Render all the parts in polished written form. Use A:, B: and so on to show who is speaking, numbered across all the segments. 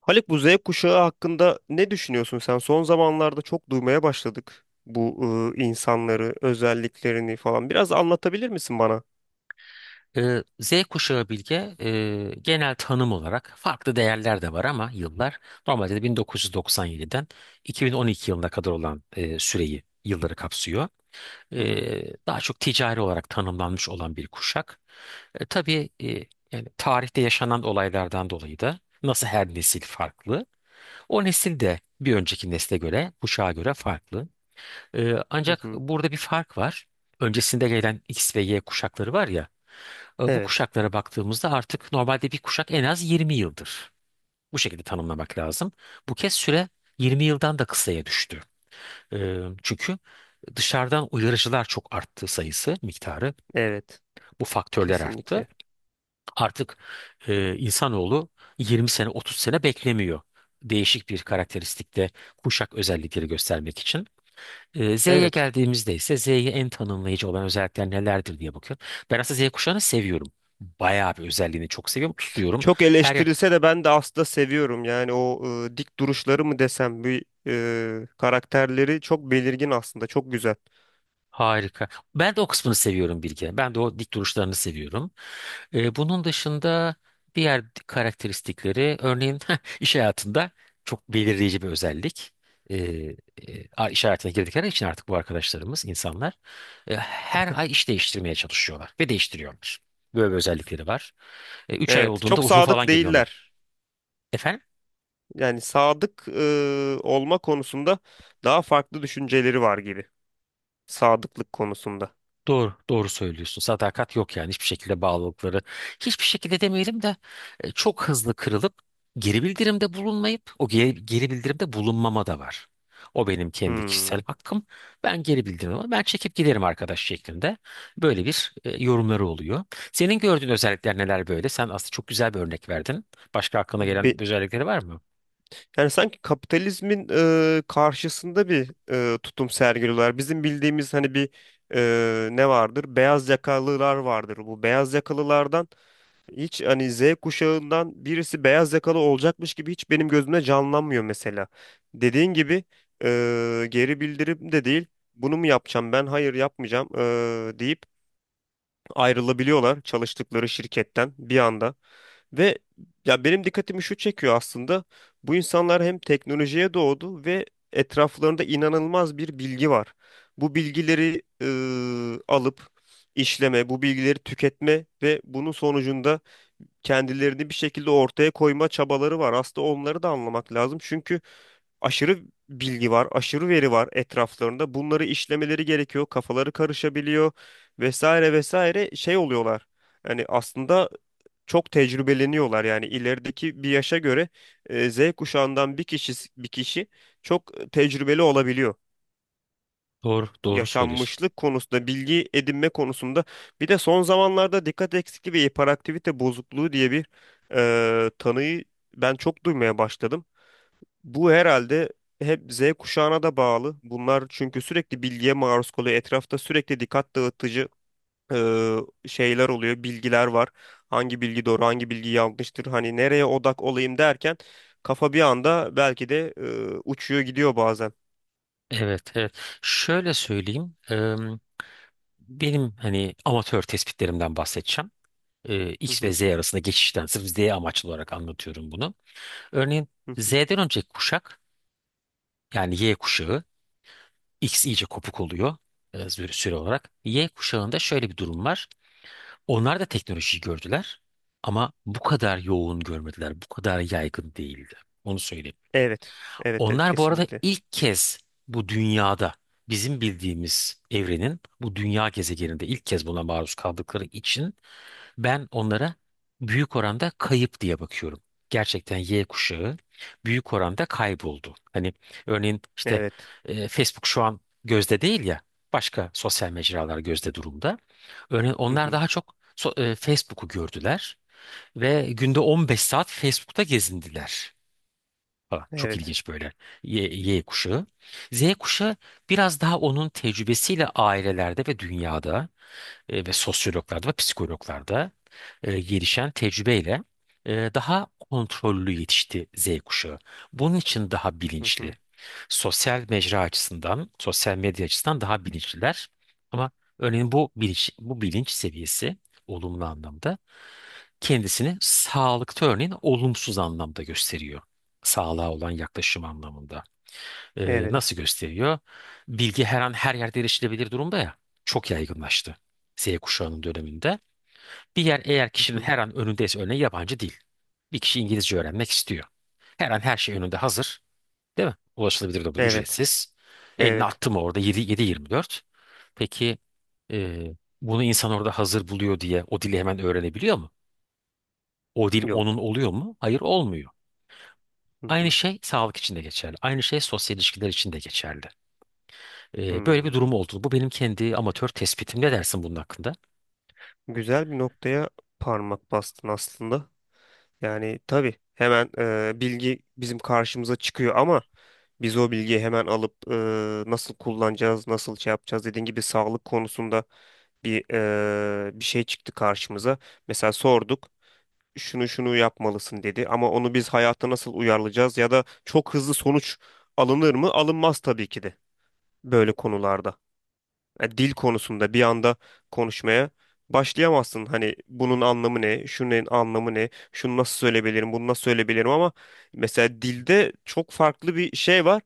A: Haluk, bu Z kuşağı hakkında ne düşünüyorsun sen? Son zamanlarda çok duymaya başladık bu insanları, özelliklerini falan. Biraz anlatabilir misin bana?
B: Z kuşağı Bilge, genel tanım olarak farklı değerler de var ama yıllar normalde de 1997'den 2012 yılına kadar olan süreyi, yılları kapsıyor.
A: Hmm.
B: Daha çok ticari olarak tanımlanmış olan bir kuşak. Tabii, yani tarihte yaşanan olaylardan dolayı da nasıl her nesil farklı. O nesil de bir önceki nesle göre, kuşağa göre farklı.
A: Hı
B: Ancak
A: hı.
B: burada bir fark var. Öncesinde gelen X ve Y kuşakları var ya, bu
A: Evet,
B: kuşaklara baktığımızda artık normalde bir kuşak en az 20 yıldır. Bu şekilde tanımlamak lazım. Bu kez süre 20 yıldan da kısaya düştü. Çünkü dışarıdan uyarıcılar çok arttı, sayısı, miktarı.
A: evet,
B: Bu faktörler arttı.
A: kesinlikle.
B: Artık insanoğlu 20 sene, 30 sene beklemiyor. Değişik bir karakteristikte kuşak özellikleri göstermek için. Z'ye
A: Evet.
B: geldiğimizde ise Z'ye en tanımlayıcı olan özellikler nelerdir diye bakıyorum. Ben aslında Z kuşağını seviyorum. Bayağı bir özelliğini çok seviyorum. Tutuyorum.
A: Çok
B: Her
A: eleştirilse de ben de aslında seviyorum. Yani o dik duruşları mı desem, bir karakterleri çok belirgin aslında, çok güzel.
B: harika. Ben de o kısmını seviyorum, Bilge. Ben de o dik duruşlarını seviyorum. Bunun dışında diğer karakteristikleri, örneğin iş hayatında çok belirleyici bir özellik. Ee, iş hayatına girdikleri için artık bu arkadaşlarımız, insanlar her ay iş değiştirmeye çalışıyorlar ve değiştiriyorlar. Böyle bir özellikleri var. 3 ay
A: Evet,
B: olduğunda
A: çok
B: uzun
A: sadık
B: falan geliyor onlar.
A: değiller.
B: Efendim?
A: Yani sadık olma konusunda daha farklı düşünceleri var gibi. Sadıklık konusunda.
B: Doğru, doğru söylüyorsun. Sadakat yok, yani hiçbir şekilde bağlılıkları. Hiçbir şekilde demeyelim de, çok hızlı kırılıp geri bildirimde bulunmayıp, o geri bildirimde bulunmama da var. O benim kendi
A: Hmm.
B: kişisel hakkım. Ben geri bildirim, ben çekip giderim arkadaş şeklinde. Böyle bir yorumları oluyor. Senin gördüğün özellikler neler böyle? Sen aslında çok güzel bir örnek verdin. Başka aklına gelen
A: Be-
B: özellikleri var mı?
A: Yani sanki kapitalizmin karşısında bir tutum sergiliyorlar. Bizim bildiğimiz hani bir ne vardır? Beyaz yakalılar vardır. Bu beyaz yakalılardan hiç hani Z kuşağından birisi beyaz yakalı olacakmış gibi hiç benim gözümde canlanmıyor mesela. Dediğin gibi geri bildirim de değil. Bunu mu yapacağım ben? Hayır, yapmayacağım deyip ayrılabiliyorlar çalıştıkları şirketten bir anda. Ve ya benim dikkatimi şu çekiyor aslında. Bu insanlar hem teknolojiye doğdu ve etraflarında inanılmaz bir bilgi var. Bu bilgileri alıp işleme, bu bilgileri tüketme ve bunun sonucunda kendilerini bir şekilde ortaya koyma çabaları var. Aslında onları da anlamak lazım. Çünkü aşırı bilgi var, aşırı veri var etraflarında. Bunları işlemeleri gerekiyor. Kafaları karışabiliyor, vesaire vesaire şey oluyorlar. Yani aslında çok tecrübeleniyorlar, yani ilerideki bir yaşa göre Z kuşağından bir kişi bir kişi çok tecrübeli olabiliyor
B: Doğru, doğru söylüyorsun.
A: yaşanmışlık konusunda, bilgi edinme konusunda. Bir de son zamanlarda dikkat eksikliği ve hiperaktivite bozukluğu diye bir tanıyı ben çok duymaya başladım. Bu herhalde hep Z kuşağına da bağlı. Bunlar çünkü sürekli bilgiye maruz kalıyor. Etrafta sürekli dikkat dağıtıcı e, şeyler oluyor, bilgiler var. Hangi bilgi doğru, hangi bilgi yanlıştır? Hani nereye odak olayım derken kafa bir anda belki de uçuyor gidiyor bazen.
B: Evet, evet. Şöyle söyleyeyim. Benim hani amatör tespitlerimden bahsedeceğim.
A: Hı
B: X ve
A: hı,
B: Z arasında geçişten sırf Z amaçlı olarak anlatıyorum bunu. Örneğin
A: hı hı.
B: Z'den önceki kuşak, yani Y kuşağı, X iyice kopuk oluyor süre olarak. Y kuşağında şöyle bir durum var. Onlar da teknolojiyi gördüler ama bu kadar yoğun görmediler. Bu kadar yaygın değildi. Onu söyleyeyim.
A: Evet, evet, evet,
B: Onlar bu arada
A: kesinlikle.
B: ilk kez bu dünyada, bizim bildiğimiz evrenin bu dünya gezegeninde ilk kez buna maruz kaldıkları için ben onlara büyük oranda kayıp diye bakıyorum. Gerçekten Y kuşağı büyük oranda kayboldu. Hani örneğin işte,
A: Evet.
B: Facebook şu an gözde değil ya, başka sosyal mecralar gözde durumda. Örneğin
A: Hı
B: onlar
A: hı.
B: daha çok Facebook'u gördüler ve günde 15 saat Facebook'ta gezindiler. Falan. Çok
A: Evet.
B: ilginç böyle Y kuşağı. Z kuşağı biraz daha onun tecrübesiyle ailelerde ve dünyada ve sosyologlarda ve psikologlarda gelişen tecrübeyle daha kontrollü yetişti Z kuşağı. Bunun için daha
A: Hı
B: bilinçli.
A: hı.
B: Sosyal mecra açısından, sosyal medya açısından daha bilinçliler. Ama örneğin bu bilinç seviyesi, olumlu anlamda kendisini sağlıkta örneğin olumsuz anlamda gösteriyor. Sağlığa olan yaklaşım anlamında.
A: Evet.
B: Nasıl gösteriyor? Bilgi her an her yerde erişilebilir durumda ya. Çok yaygınlaştı. Z kuşağının döneminde. Bir yer eğer
A: Hı
B: kişinin
A: hı.
B: her an önündeyse, örneğin yabancı değil. Bir kişi İngilizce öğrenmek istiyor. Her an her şey önünde hazır. Değil mi? Ulaşılabilir durumda,
A: Evet.
B: ücretsiz. Elini
A: Evet.
B: attı mı orada 7, 7-24. Peki, e, bunu insan orada hazır buluyor diye o dili hemen öğrenebiliyor mu? O dil onun
A: Yok.
B: oluyor mu? Hayır, olmuyor.
A: Hı
B: Aynı
A: hı.
B: şey sağlık için de geçerli. Aynı şey sosyal ilişkiler için de geçerli. Böyle bir durum
A: Hmm.
B: oldu. Bu benim kendi amatör tespitim. Ne dersin bunun hakkında?
A: Güzel bir noktaya parmak bastın aslında. Yani tabii hemen bilgi bizim karşımıza çıkıyor ama biz o bilgiyi hemen alıp nasıl kullanacağız, nasıl şey yapacağız, dediğin gibi sağlık konusunda bir bir şey çıktı karşımıza. Mesela sorduk. Şunu şunu yapmalısın dedi ama onu biz hayata nasıl uyarlayacağız ya da çok hızlı sonuç alınır mı? Alınmaz tabii ki de böyle konularda. Yani dil konusunda bir anda konuşmaya başlayamazsın. Hani bunun anlamı ne? Şunun anlamı ne? Şunu nasıl söyleyebilirim? Bunu nasıl söyleyebilirim? Ama mesela dilde çok farklı bir şey var.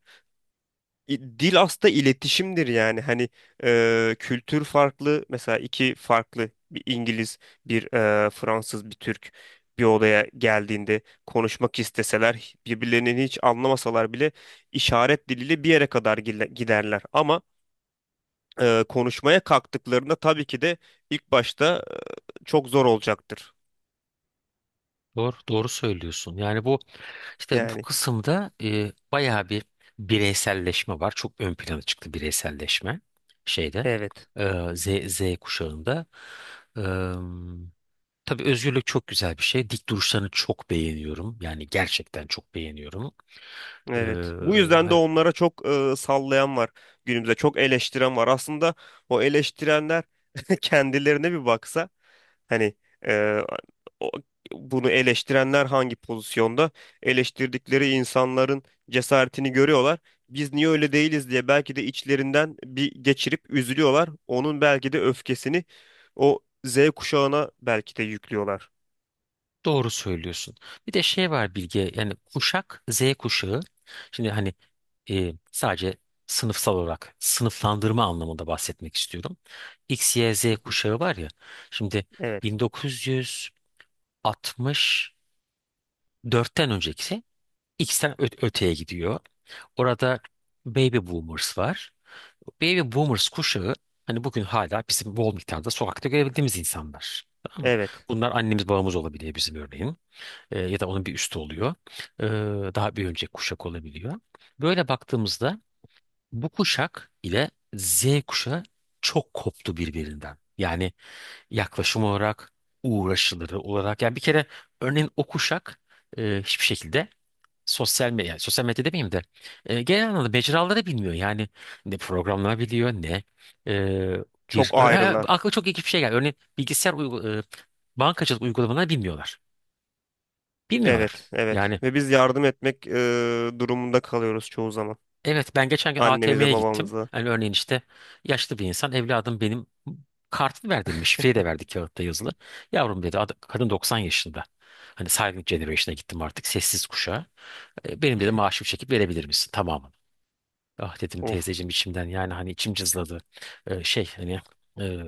A: Dil aslında iletişimdir, yani hani kültür farklı. Mesela iki farklı, bir İngiliz, bir Fransız, bir Türk bir odaya geldiğinde konuşmak isteseler, birbirlerini hiç anlamasalar bile işaret diliyle bir yere kadar giderler ama konuşmaya kalktıklarında tabii ki de ilk başta çok zor olacaktır
B: Doğru, doğru söylüyorsun. Yani bu İşte bu
A: yani.
B: kısımda bayağı bir bireyselleşme var. Çok ön plana çıktı bireyselleşme şeyde.
A: Evet.
B: e, Z, Z kuşağında. E, tabii, özgürlük çok güzel bir şey. Dik duruşlarını çok beğeniyorum. Yani gerçekten çok beğeniyorum. E,
A: Evet. Bu yüzden de onlara çok sallayan var günümüzde. Çok eleştiren var. Aslında o eleştirenler kendilerine bir baksa, hani e, o- bunu eleştirenler hangi pozisyonda? Eleştirdikleri insanların cesaretini görüyorlar. Biz niye öyle değiliz diye belki de içlerinden bir geçirip üzülüyorlar. Onun belki de öfkesini o Z kuşağına belki de yüklüyorlar.
B: Doğru söylüyorsun. Bir de şey var Bilge, yani kuşak Z kuşağı. Şimdi hani sadece sınıfsal olarak sınıflandırma anlamında bahsetmek istiyorum. X, Y, Z
A: Hı hı.
B: kuşağı var ya. Şimdi
A: Evet.
B: 1964'ten önceki X'ten öteye gidiyor. Orada Baby Boomers var. Baby Boomers kuşağı hani bugün hala bizim bol miktarda sokakta görebildiğimiz insanlar. Tamam mı?
A: Evet.
B: Bunlar annemiz babamız olabiliyor, bizim örneğin, ya da onun bir üstü oluyor. E, Daha bir önceki kuşak olabiliyor. Böyle baktığımızda bu kuşak ile Z kuşağı çok koptu birbirinden. Yani yaklaşım olarak, uğraşıları olarak. Yani bir kere örneğin o kuşak hiçbir şekilde sosyal medya, yani sosyal medya demeyeyim de, genel anlamda mecraları bilmiyor. Yani ne programlar biliyor ne e,
A: Çok
B: ha,
A: ayrılar.
B: aklıma çok ilginç bir şey geldi. Örneğin bilgisayar bankacılık uygulamaları bilmiyorlar. Bilmiyorlar.
A: Evet, evet.
B: Yani,
A: Ve biz yardım etmek durumunda kalıyoruz çoğu zaman.
B: evet, ben geçen gün
A: Annemize,
B: ATM'ye gittim.
A: babamıza.
B: Hani örneğin işte, yaşlı bir insan, evladım benim kartını ver dedim. Şifreyi de verdi kağıtta yazılı. Yavrum dedi, kadın 90 yaşında. Hani Silent Generation'a gittim artık, sessiz kuşağa. Benim, dedi, maaşımı çekip verebilir misin tamamını. Ah dedim
A: Of.
B: teyzeciğim içimden, yani hani içim cızladı. Şey hani, e,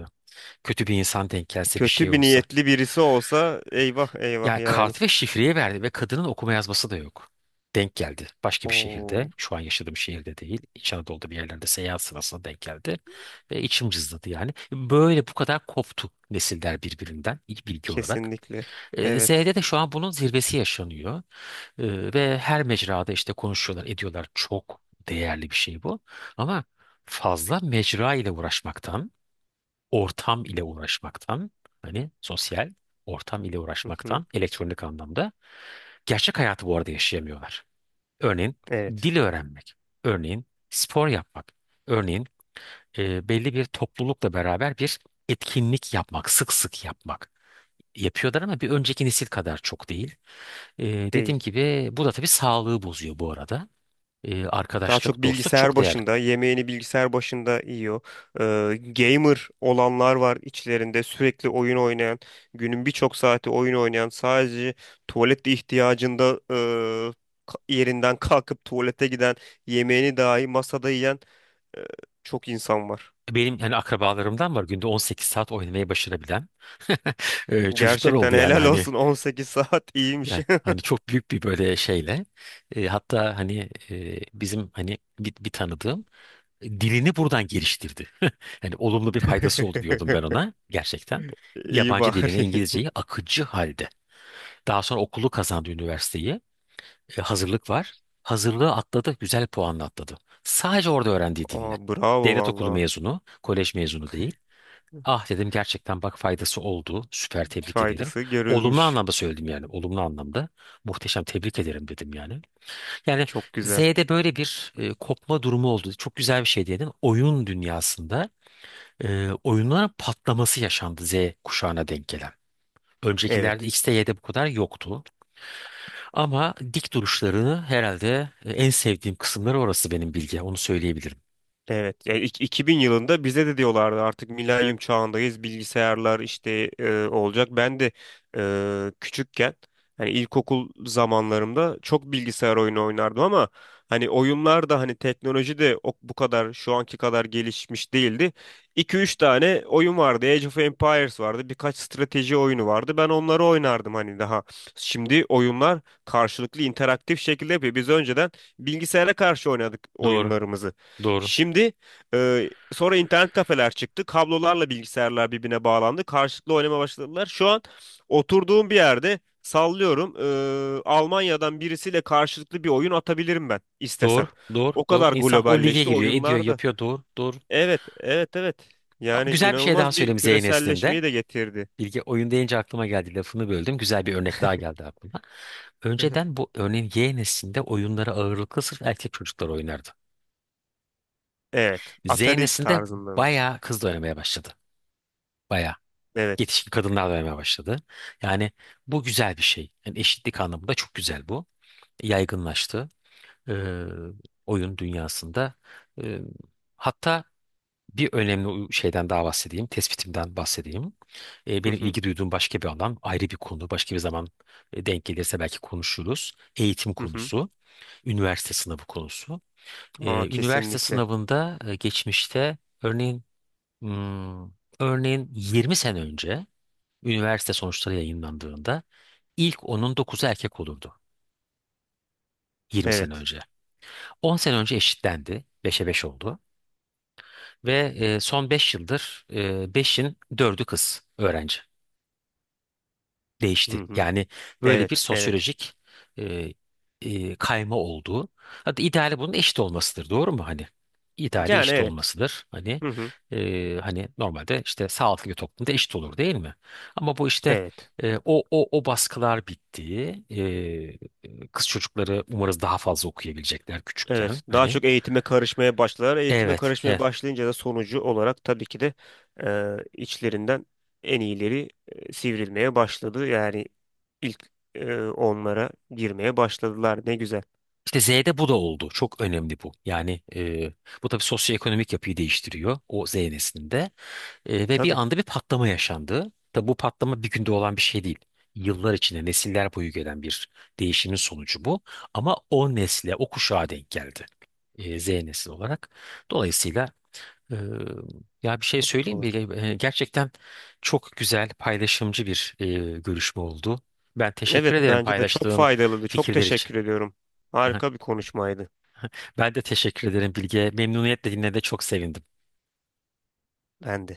B: kötü bir insan denk gelse, bir şey
A: Kötü bir
B: olsa.
A: niyetli birisi olsa, eyvah eyvah
B: Yani
A: yani.
B: kart ve şifreyi verdi ve kadının okuma yazması da yok. Denk geldi. Başka bir şehirde.
A: Oo,
B: Şu an yaşadığım şehirde değil. İç Anadolu'da bir yerlerde seyahat sırasında denk geldi. Ve içim cızladı yani. Böyle bu kadar koptu nesiller birbirinden, ilk bilgi olarak.
A: kesinlikle. Evet.
B: Z'de de şu an bunun zirvesi yaşanıyor. Ve her mecrada işte konuşuyorlar, ediyorlar. Çok değerli bir şey bu. Ama fazla mecra ile uğraşmaktan, ortam ile uğraşmaktan, hani sosyal ortam ile
A: Hı hı.
B: uğraşmaktan, elektronik anlamda gerçek hayatı bu arada yaşayamıyorlar. Örneğin
A: Evet.
B: dil öğrenmek, örneğin spor yapmak, örneğin belli bir toplulukla beraber bir etkinlik yapmak, sık sık yapmak, yapıyorlar ama bir önceki nesil kadar çok değil. E, Dediğim
A: Değil.
B: gibi bu da tabii sağlığı bozuyor bu arada.
A: Daha çok
B: Arkadaşlık, dostluk
A: bilgisayar
B: çok değerli.
A: başında, yemeğini bilgisayar başında yiyor. Gamer olanlar var içlerinde, sürekli oyun oynayan, günün birçok saati oyun oynayan, sadece tuvalet ihtiyacında yerinden kalkıp tuvalete giden, yemeğini dahi masada yiyen e, çok insan var.
B: Benim hani akrabalarımdan var günde 18 saat oynamayı başarabilen çocuklar
A: Gerçekten
B: oldu yani,
A: helal
B: hani.
A: olsun, 18 saat iyiymiş.
B: Yani hani çok büyük bir böyle şeyle, hatta hani bizim hani bir tanıdığım dilini buradan geliştirdi. Hani olumlu bir faydası oldu diyordum ben ona gerçekten.
A: İyi
B: Yabancı
A: bari.
B: dilini, İngilizceyi akıcı halde. Daha sonra okulu kazandı, üniversiteyi. Hazırlık var. Hazırlığı atladı, güzel puanla atladı. Sadece orada öğrendiği dille.
A: Aa, bravo
B: Devlet okulu
A: valla.
B: mezunu, kolej mezunu değil. Ah dedim gerçekten, bak faydası oldu. Süper, tebrik ederim.
A: Faydası
B: Olumlu
A: görülmüş.
B: anlamda söyledim yani. Olumlu anlamda. Muhteşem, tebrik ederim dedim yani. Yani
A: Çok güzel.
B: Z'de böyle bir kopma durumu oldu. Çok güzel bir şey dedin. Oyun dünyasında oyunların patlaması yaşandı, Z kuşağına denk gelen. Öncekilerde,
A: Evet.
B: X'te, Y'de bu kadar yoktu. Ama dik duruşlarını herhalde en sevdiğim kısımları orası benim, bilgi. Onu söyleyebilirim.
A: Evet, yani 2000 yılında bize de diyorlardı artık milenyum çağındayız, bilgisayarlar işte olacak. Ben de küçükken hani ilkokul zamanlarımda çok bilgisayar oyunu oynardım ama hani oyunlar da hani teknoloji de bu kadar, şu anki kadar gelişmiş değildi. 2 üç tane oyun vardı. Age of Empires vardı. Birkaç strateji oyunu vardı. Ben onları oynardım hani daha. Şimdi oyunlar karşılıklı, interaktif şekilde yapıyor. Biz önceden bilgisayara karşı oynadık
B: Doğru.
A: oyunlarımızı.
B: Doğru.
A: Şimdi sonra internet kafeler çıktı. Kablolarla bilgisayarlar birbirine bağlandı. Karşılıklı oynamaya başladılar. Şu an oturduğum bir yerde sallıyorum. Almanya'dan birisiyle karşılıklı bir oyun atabilirim ben
B: Doğru.
A: istesem.
B: Doğru.
A: O
B: Doğru.
A: kadar
B: İnsan o lige
A: globalleşti
B: giriyor, ediyor,
A: oyunlarda.
B: yapıyor. Doğru. Doğru.
A: Evet, evet, evet.
B: Ama
A: Yani
B: güzel bir şey daha
A: inanılmaz bir
B: söyleyeyim Z neslinde.
A: küreselleşmeyi de getirdi.
B: Bilge, oyun deyince aklıma geldi. Lafını böldüm. Güzel bir örnek daha geldi aklıma.
A: Hı hı.
B: Önceden bu, örneğin Y neslinde, oyunları ağırlıklı sırf erkek çocuklar oynardı.
A: Evet,
B: Z
A: Atari
B: neslinde
A: tarzında mı?
B: bayağı kız da oynamaya başladı. Bayağı.
A: Evet.
B: Yetişkin kadınlar da oynamaya başladı. Yani bu güzel bir şey. Yani eşitlik anlamında çok güzel bu. Yaygınlaştı. Ee, Oyun dünyasında. Ee, Hatta bir önemli şeyden daha bahsedeyim, tespitimden bahsedeyim.
A: Hı
B: Benim
A: hı,
B: ilgi duyduğum başka bir alan, ayrı bir konu, başka bir zaman denk gelirse belki konuşuruz. Eğitim
A: hı hı.
B: konusu, üniversite sınavı konusu.
A: Aa,
B: Üniversite
A: kesinlikle.
B: sınavında geçmişte, örneğin hmm, örneğin 20 sene önce üniversite sonuçları yayınlandığında ilk 10'un 9'u erkek olurdu, 20 sene
A: Evet.
B: önce. 10 sene önce eşitlendi, beşe 5 oldu ve son 5 yıldır 5'in 4'ü kız öğrenci.
A: Hı
B: Değişti.
A: hı.
B: Yani böyle bir
A: Evet, evet.
B: sosyolojik e, kayma olduğu. Hatta ideali bunun eşit olmasıdır, doğru mu, hani? İdeali
A: Yani
B: eşit
A: evet.
B: olmasıdır. Hani
A: Hı hı.
B: e, hani normalde işte sağlıklı bir toplumda eşit olur, değil mi? Ama bu işte
A: Evet.
B: o baskılar bitti. Kız çocukları umarız daha fazla okuyabilecekler küçükken.
A: Evet. Daha
B: Hani
A: çok eğitime karışmaya başlar. Eğitime
B: evet,
A: karışmaya
B: evet.
A: başlayınca da sonucu olarak tabii ki de e, içlerinden en iyileri sivrilmeye başladı. Yani ilk onlara girmeye başladılar. Ne güzel.
B: İşte Z'de bu da oldu. Çok önemli bu. Yani bu tabii sosyoekonomik yapıyı değiştiriyor o Z neslinde. Ve
A: Tabii.
B: bir anda bir patlama yaşandı. Tabi bu patlama bir günde olan bir şey değil. Yıllar içinde nesiller boyu gelen bir değişimin sonucu bu. Ama o nesle, o kuşağa denk geldi. Z nesil olarak. Dolayısıyla e, ya bir şey
A: Çok
B: söyleyeyim
A: doğru.
B: mi? Gerçekten çok güzel, paylaşımcı bir görüşme oldu. Ben teşekkür
A: Evet,
B: ederim
A: bence de çok
B: paylaştığın
A: faydalıydı. Çok
B: fikirler için.
A: teşekkür ediyorum. Harika bir konuşmaydı.
B: Ben de teşekkür ederim Bilge. Memnuniyetle dinlediğine de çok sevindim.
A: Ben de.